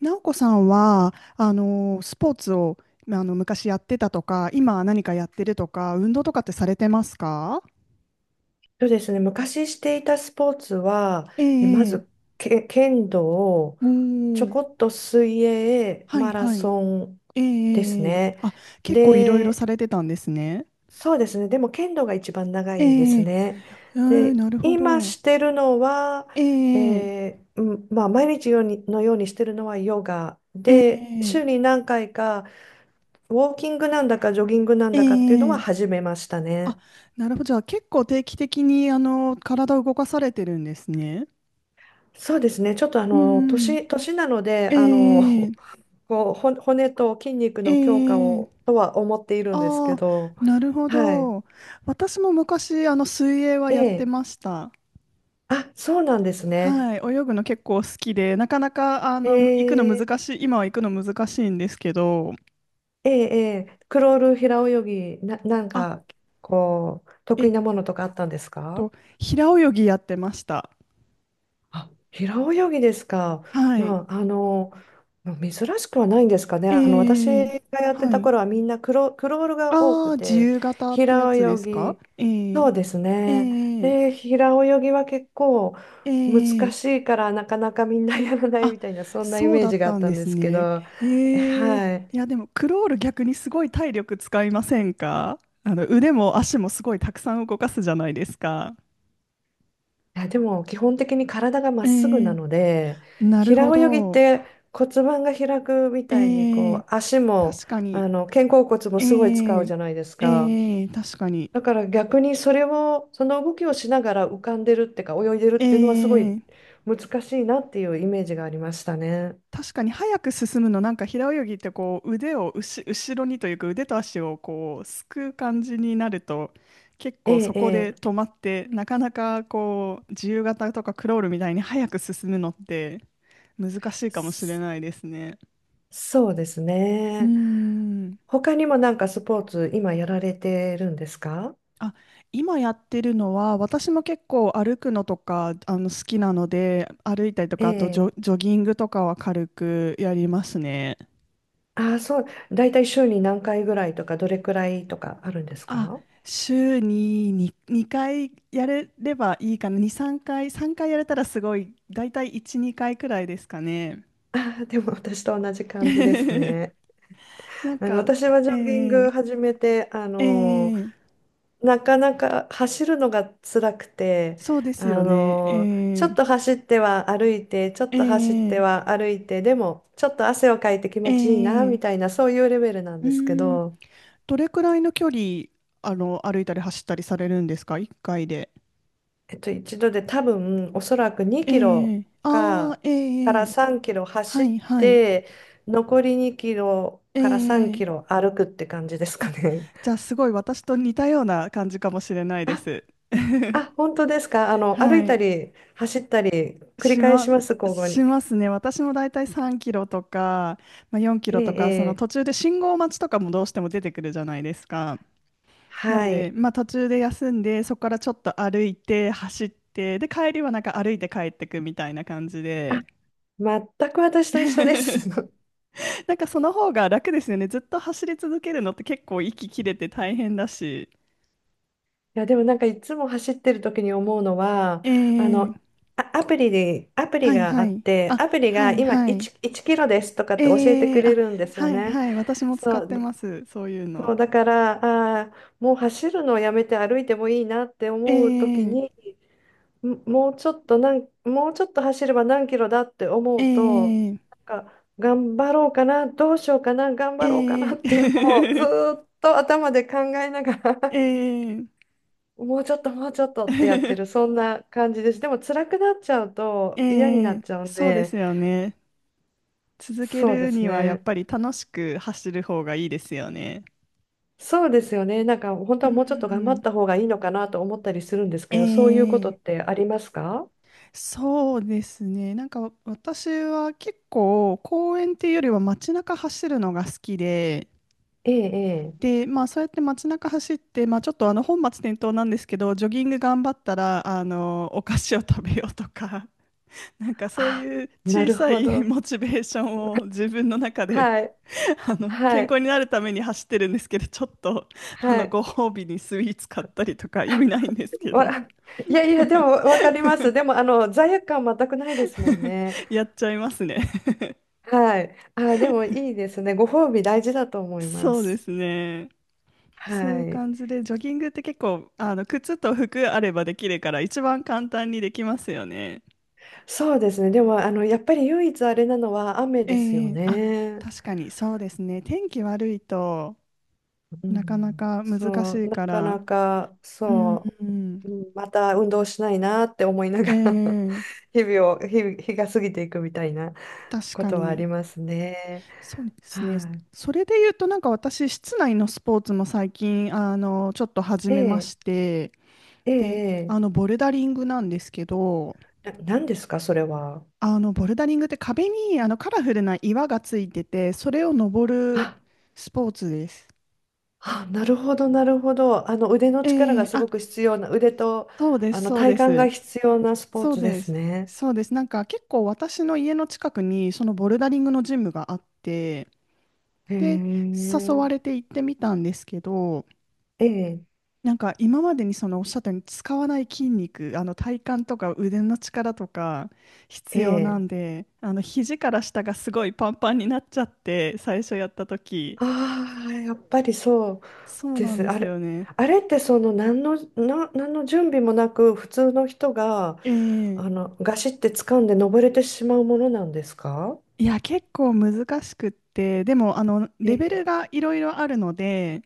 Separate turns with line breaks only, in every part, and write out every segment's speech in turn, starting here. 直子さんは、スポーツを、まあの、昔やってたとか、今何かやってるとか、運動とかってされてますか？
そうですね、昔していたスポーツは、
え
えま
え
ず
ええ、
け剣道、
お
ちょ
ー、
こっと水泳、
はい
マラ
はい。
ソン
ええ
です
ええええ、
ね。
あ、結構いろいろ
で、
されてたんですね。
そうですね、でも剣道が一番長
え
いで
ええ
す
え、
ね。
あ、
で、
なるほ
今
ど。
してるのは、
ええ
毎日ようにしてるのはヨガで、
ええ
週に何回かウォーキングなんだかジョギングなん
え
だかっていうのは
えええ、
始めました
あ、
ね。
なるほど。じゃあ結構定期的に、体を動かされてるんですね。
そうですね。ちょっと
うんうん。
年なので、
ええ
こう、骨と筋肉
え
の強化
ええ
を
え、
とは思っているんですけ
ああ、
ど、
なるほ
はい。
ど。私も昔、水泳は
え
やって
え。
ました。
あ、そうなんですね。
はい、泳ぐの結構好きで、なかなか、
え
行くの
え、
難しい、今は行くの難しいんですけど、
ええ、ええクロール平泳ぎ、なん
あ、
か、こう、
え
得意
っ
なものとかあったんですか？
と、平泳ぎやってました。
あ、平泳ぎですか。
はい。
まあ、あの、まあしくはないんですかね。
え
あの、私
ー、
がやって
は
た
い。
頃はみんなクロールが多
あ
く
あ、自
て、
由形ってや
平
つで
泳
すか？
ぎ、そうです
え
ね。
ー、
で、平泳ぎは結構
え
難
ー、え
し
ー
いからなかなかみんなやらない
あ、
みたいな、そんなイ
そう
メー
だっ
ジがあ
た
っ
ん
た
で
んで
す
すけ
ね。
ど、
ええ、
はい。
いやでもクロール逆にすごい体力使いませんか？腕も足もすごいたくさん動かすじゃないですか。
いや、でも基本的に体がまっ
え
すぐな
え、
ので、
なる
平
ほ
泳ぎっ
ど。
て骨盤が開くみたいに
ええ、
こう足も、
確かに。
あの肩甲骨も
え
すごい使う
え
じゃないですか。
ええ、確かに。
だから逆にそれをその動きをしながら浮かんでるってか泳いでる
え
っていうのはすごい
え、
難しいなっていうイメージがありましたね。
確かに早く進むの、なんか平泳ぎってこう腕を後ろにというか腕と足をこうすくう感じになると結
え
構
え、
そ
え
こで
え、
止まってなかなかこう自由形とかクロールみたいに早く進むのって難しいかもしれ
そ
ないですね。
そうです
うー
ね。
ん。
他にもなんかスポーツ今やられてるんですか？
あ、今やってるのは私も結構歩くのとか好きなので歩いたりと
え
かあと
え、
ジョギングとかは軽くやりますね。
ああ、そう。だいたい週に何回ぐらいとか、どれくらいとかあるんです
あ、
か？
週に2回やれればいいかな。2、3回、3回やれたらすごい、だいたい1、2回くらいですかね。
ああ、でも私と同じ感じです ね。
なん
あの、
か、
私はジ
え
ョギング
ー、
始めて、あ
え
の
ー、
なかなか走るのが辛くて、
そうで
あ
すよね。
のちょっと走っては歩いて、ちょっ
え
と走って
ー、
は歩いて、でも、ちょっと汗をかいて気
え
持ちいいな、
ー、
みたいな、そういうレベルなん
う
ですけ
ーん、
ど、
どれくらいの距離、歩いたり走ったりされるんですか？ 1 回で。
えっと、一度で多分おそらく2
え
キロ
ー、あー、
か、か
え
ら
ー、
3キロ
は
走
い、
っ
はい。
て残り2キロ
え
から3
ー、
キロ歩くって感じですか
あ、
ね。
じゃあすごい私と似たような感じかもしれない で
あ、
す。
あ、本当ですか。あの歩
は
いた
い。
り走ったり繰り
し
返
ま、
します、交互
し
に。
ますね。私もだいたい3キロとか、まあ、4キ
え
ロとか、その
え、え
途
え、
中で信号待ちとかもどうしても出てくるじゃないですか。なん
は
で、
い。
まあ、途中で休んで、そこからちょっと歩いて、走って、で、帰りはなんか歩いて帰ってくみたいな感じ
あ、
で。
全く私と一緒で す。
なんかその方が楽ですよね。ずっと走り続けるのって結構息切れて大変だし。
いやでもなんかいつも走ってる時に思うのは、
え
あの
え、
アプリ
はい
があ
は
っ
い。
て
あ、
アプリ
は
が
い
今
はい。
1キロですとかって教えてくれ
あ、
るんですよ
はい
ね。
はい。私も使
そ
って
う
ます。そういう
そ
の。
うだから、あーもう走るのをやめて歩いてもいいなって
え
思う時
ー、
に、うちょっとなんもうちょっと走れば何キロだって思
え
うと、
ー、
なんか頑張ろうかなどうしようかな頑張ろうかな
え
っていうのをず
ー、
ーっと頭で考えなが ら
えー、
もうちょっとってやってる、そ んな感じです。でも辛くなっちゃう
え
と嫌になっちゃうん
そうで
で、
すよね。続け
そうで
る
す
にはやっ
ね。
ぱり楽しく走る方がいいですよね。
そうですよね。なんか本当
う
はもうちょっと頑張
ん。
った方がいいのかなと思ったりするんです
え
けど、そういうこと
ー、
ってありますか？
そうですね。なんか私は結構公園っていうよりは街中走るのが好きで、
ええ、ええ。
で、まあ、そうやって街中走って、まあ、ちょっと本末転倒なんですけど、ジョギング頑張ったら、お菓子を食べようとか、なんかそう
あ、
いう
な
小
る
さ
ほ
い
ど。
モチベーションを自分の中で、
はい、は
健康
い、
になるために走ってるんですけど、ちょっと、
はい。
ご褒美にスイーツ買ったりとか、意味ないんですけ
わ、
ど、
いやいや、でもわかります。でもあの罪悪感全くないですもん ね。
やっちゃいますね。
はい。あ、でもいいですね。ご褒美大事だと思いま
そうで
す。
すね。そうい
は
う
い。
感じで、ジョギングって結構、靴と服あればできるから、一番簡単にできますよね。
そうですね。でも、あの、やっぱり唯一あれなのは雨です
え
よ
え、あ、
ね。
確かにそうですね。天気悪いと
う
なかな
ん。
か難し
そう、
い
な
か
か
ら。
なか、
うん、
そ
う
う、う
ん、
んまた運動しないなって思いな
え
がら
え、
日々を、日が過ぎていくみたいな
確
こ
か
とはあ
に。
りますね。
そうですね。
は
それで言うと、なんか私、室内のスポーツも最近、ちょっと始
い、
めま
え、
して、
ええ、
で、
え
ボルダリングなんですけど、
えな、何ですか、それは。
ボルダリングって壁にカラフルな岩がついてて、それを登る
あ、
スポーツです。
なるほど、なるほど。あの、腕の
え
力が
え、
す
あ、
ごく必要な、腕と、
そうで
あ
す、
の、
そうで
体幹が
す。
必要なスポー
そう
ツで
で
す
す。
ね。
そうです。なんか結構私の家の近くにそのボルダリングのジムがあって、
へ
で、誘
え。
われて行ってみたんですけど、
ええ、
なんか今までにそのおっしゃったように使わない筋肉、体幹とか腕の力とか必
え
要な
え。
んで、肘から下がすごいパンパンになっちゃって、最初やった時。
ああ、やっぱりそう
そう
で
なん
す。
で
あ
すよ
れ、
ね。
あれってその何の準備もなく普通の人が
え
あ
え、
のガシって掴んで登れてしまうものなんですか？
いや、結構難しくって、でも、
え
レベル
え。
がいろいろあるので、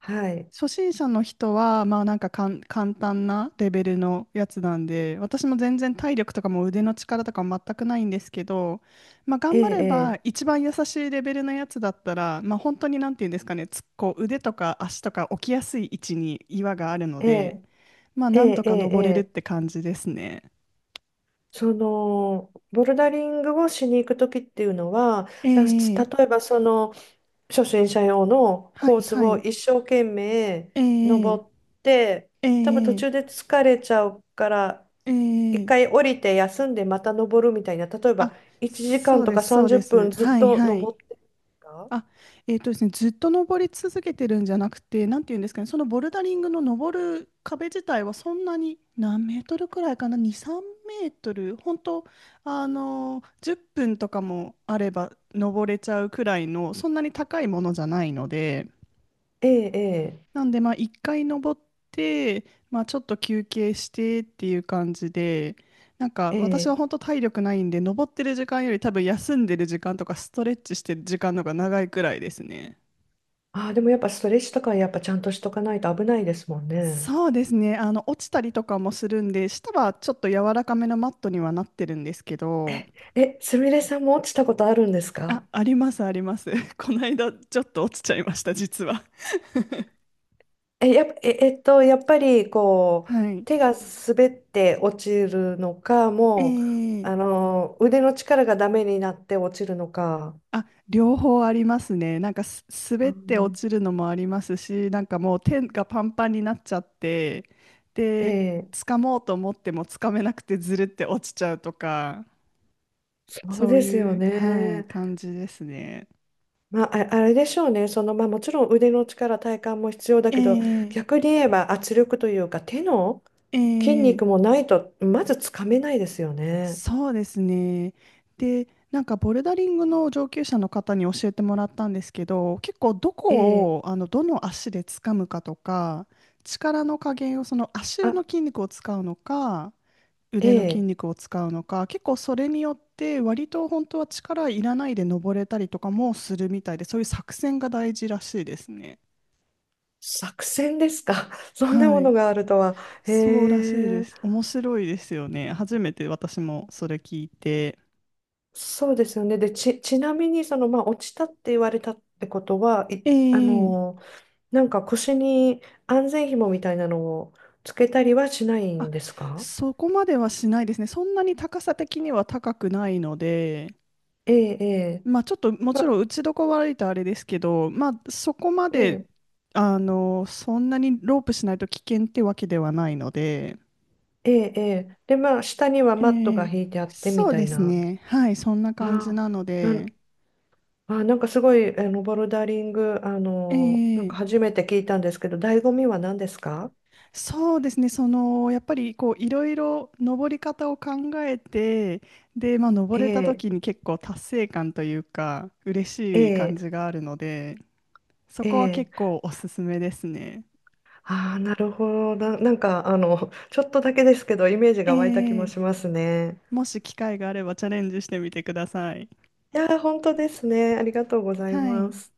はい。
初心者の人は、まあなんか簡単なレベルのやつなんで、私も全然体力とかも腕の力とかも全くないんですけど、まあ
え
頑張れば
え、
一番優しいレベルのやつだったら、まあ本当になんていうんですかね、つこう腕とか足とか置きやすい位置に岩があるの
え
で、
え、
まあ
え
なん
え、
と
ええ、
か
え
登れるっ
え。
て感じですね。
そのボルダリングをしに行くときっていうのは、
え
じゃ
え、
あ例えばその初心者用の
は
コー
い
ス
は
を
い。
一生懸命
ええ
登って、多分途
え
中
え
で疲れちゃうから、一
え
回
え、
降りて休んでまた登るみたいな、例えば
あ、
1時
そ
間
う
と
で
か
すそう
30
です。
分ずっ
はい
と
はい。
登ってるか？
あ、えーとですね、ずっと登り続けてるんじゃなくて、なんて言うんですかね、そのボルダリングの登る壁自体はそんなに何メートルくらいかな、2、3メートル、本当、10分とかもあれば登れちゃうくらいの、そんなに高いものじゃないので、
ええ、
なんで、まあ、1回登って、まあ、ちょっと休憩してっていう感じで、なんか
ええ、え
私は
え。
本当体力ないんで、登ってる時間より多分休んでる時間とかストレッチしてる時間の方が長いくらいですね。
ああ、でもやっぱストレッチとかやっぱちゃんとしとかないと危ないですもんね。
そうですね。落ちたりとかもするんで、下はちょっと柔らかめのマットにはなってるんですけど、
え、すみれさんも落ちたことあるんです
あ、
か？
あります、あります。この間、ちょっと落ちちゃいました、実は。
え、やっぱ、えっと、やっぱりこ
は
う
い。
手が滑って落ちるのか、
え
もう
ー
あの腕の力がダメになって落ちるのか。
あ、両方ありますね。なんか
う
滑って落
ん、
ちるのもありますし、なんかもう手がパンパンになっちゃって、
え
で、
え、
掴もうと思っても掴めなくてずるって落ちちゃうとか、
そう
そう
ですよ
いう、はい、
ね。
感じですね。
まあ、れでしょうね。その、まあ、もちろん腕の力、体幹も必要だ
え
けど、逆
え
に言えば圧力というか手の
え
筋
え、
肉もないとまずつかめないですよね。
そうですね。で、なんかボルダリングの上級者の方に教えてもらったんですけど、結構ど
え
こ
え、
をどの足で掴むかとか、力の加減をその足
あ、
の筋肉を使うのか、
え
腕の筋
え、
肉を使うのか、結構それによって割と本当は力いらないで登れたりとかもするみたいで、そういう作戦が大事らしいですね。
作戦ですか。そんな
は
も
い。
のがあるとは。へ
そうらしいで
え。
す。面白いですよね。初めて私もそれ聞いて。
そうですよね。で、ちなみに、その、まあ、落ちたって言われたってことは、あ
ええ、
のー、なんか腰に安全紐みたいなのをつけたりはしない
あ、
んですか？
そこまではしないですね。そんなに高さ的には高くないので、
ええ、ええ、
まあちょっともち
ま、
ろん打ちどこ悪いとあれですけど、まあそこま
え
で、
え、
そんなにロープしないと危険ってわけではないので、
ええで、まあ、下には
え
マットが
え、
引いてあってみ
そう
た
で
い
す
な。
ね。はい、そんな感じ
あ
なの
あ、
で、
あ、なんかすごい、あの、ボルダリング、あのー、なん
え
か
え、
初めて聞いたんですけど、醍醐味は何ですか？
そうですね。やっぱりこう、いろいろ登り方を考えて、で、まあ登
え
れた
え、
時に結構達成感というか、嬉
え
しい感
え、
じがあるので、そ
え
こは結
え。
構おすすめですね。
ああ、なるほど。なんか、あの、ちょっとだけですけど、イメージが湧いた気
え
も
え、
しますね。
もし機会があればチャレンジしてみてください。
いやー、本当ですね。ありがとうござい
は
ま
い。
す。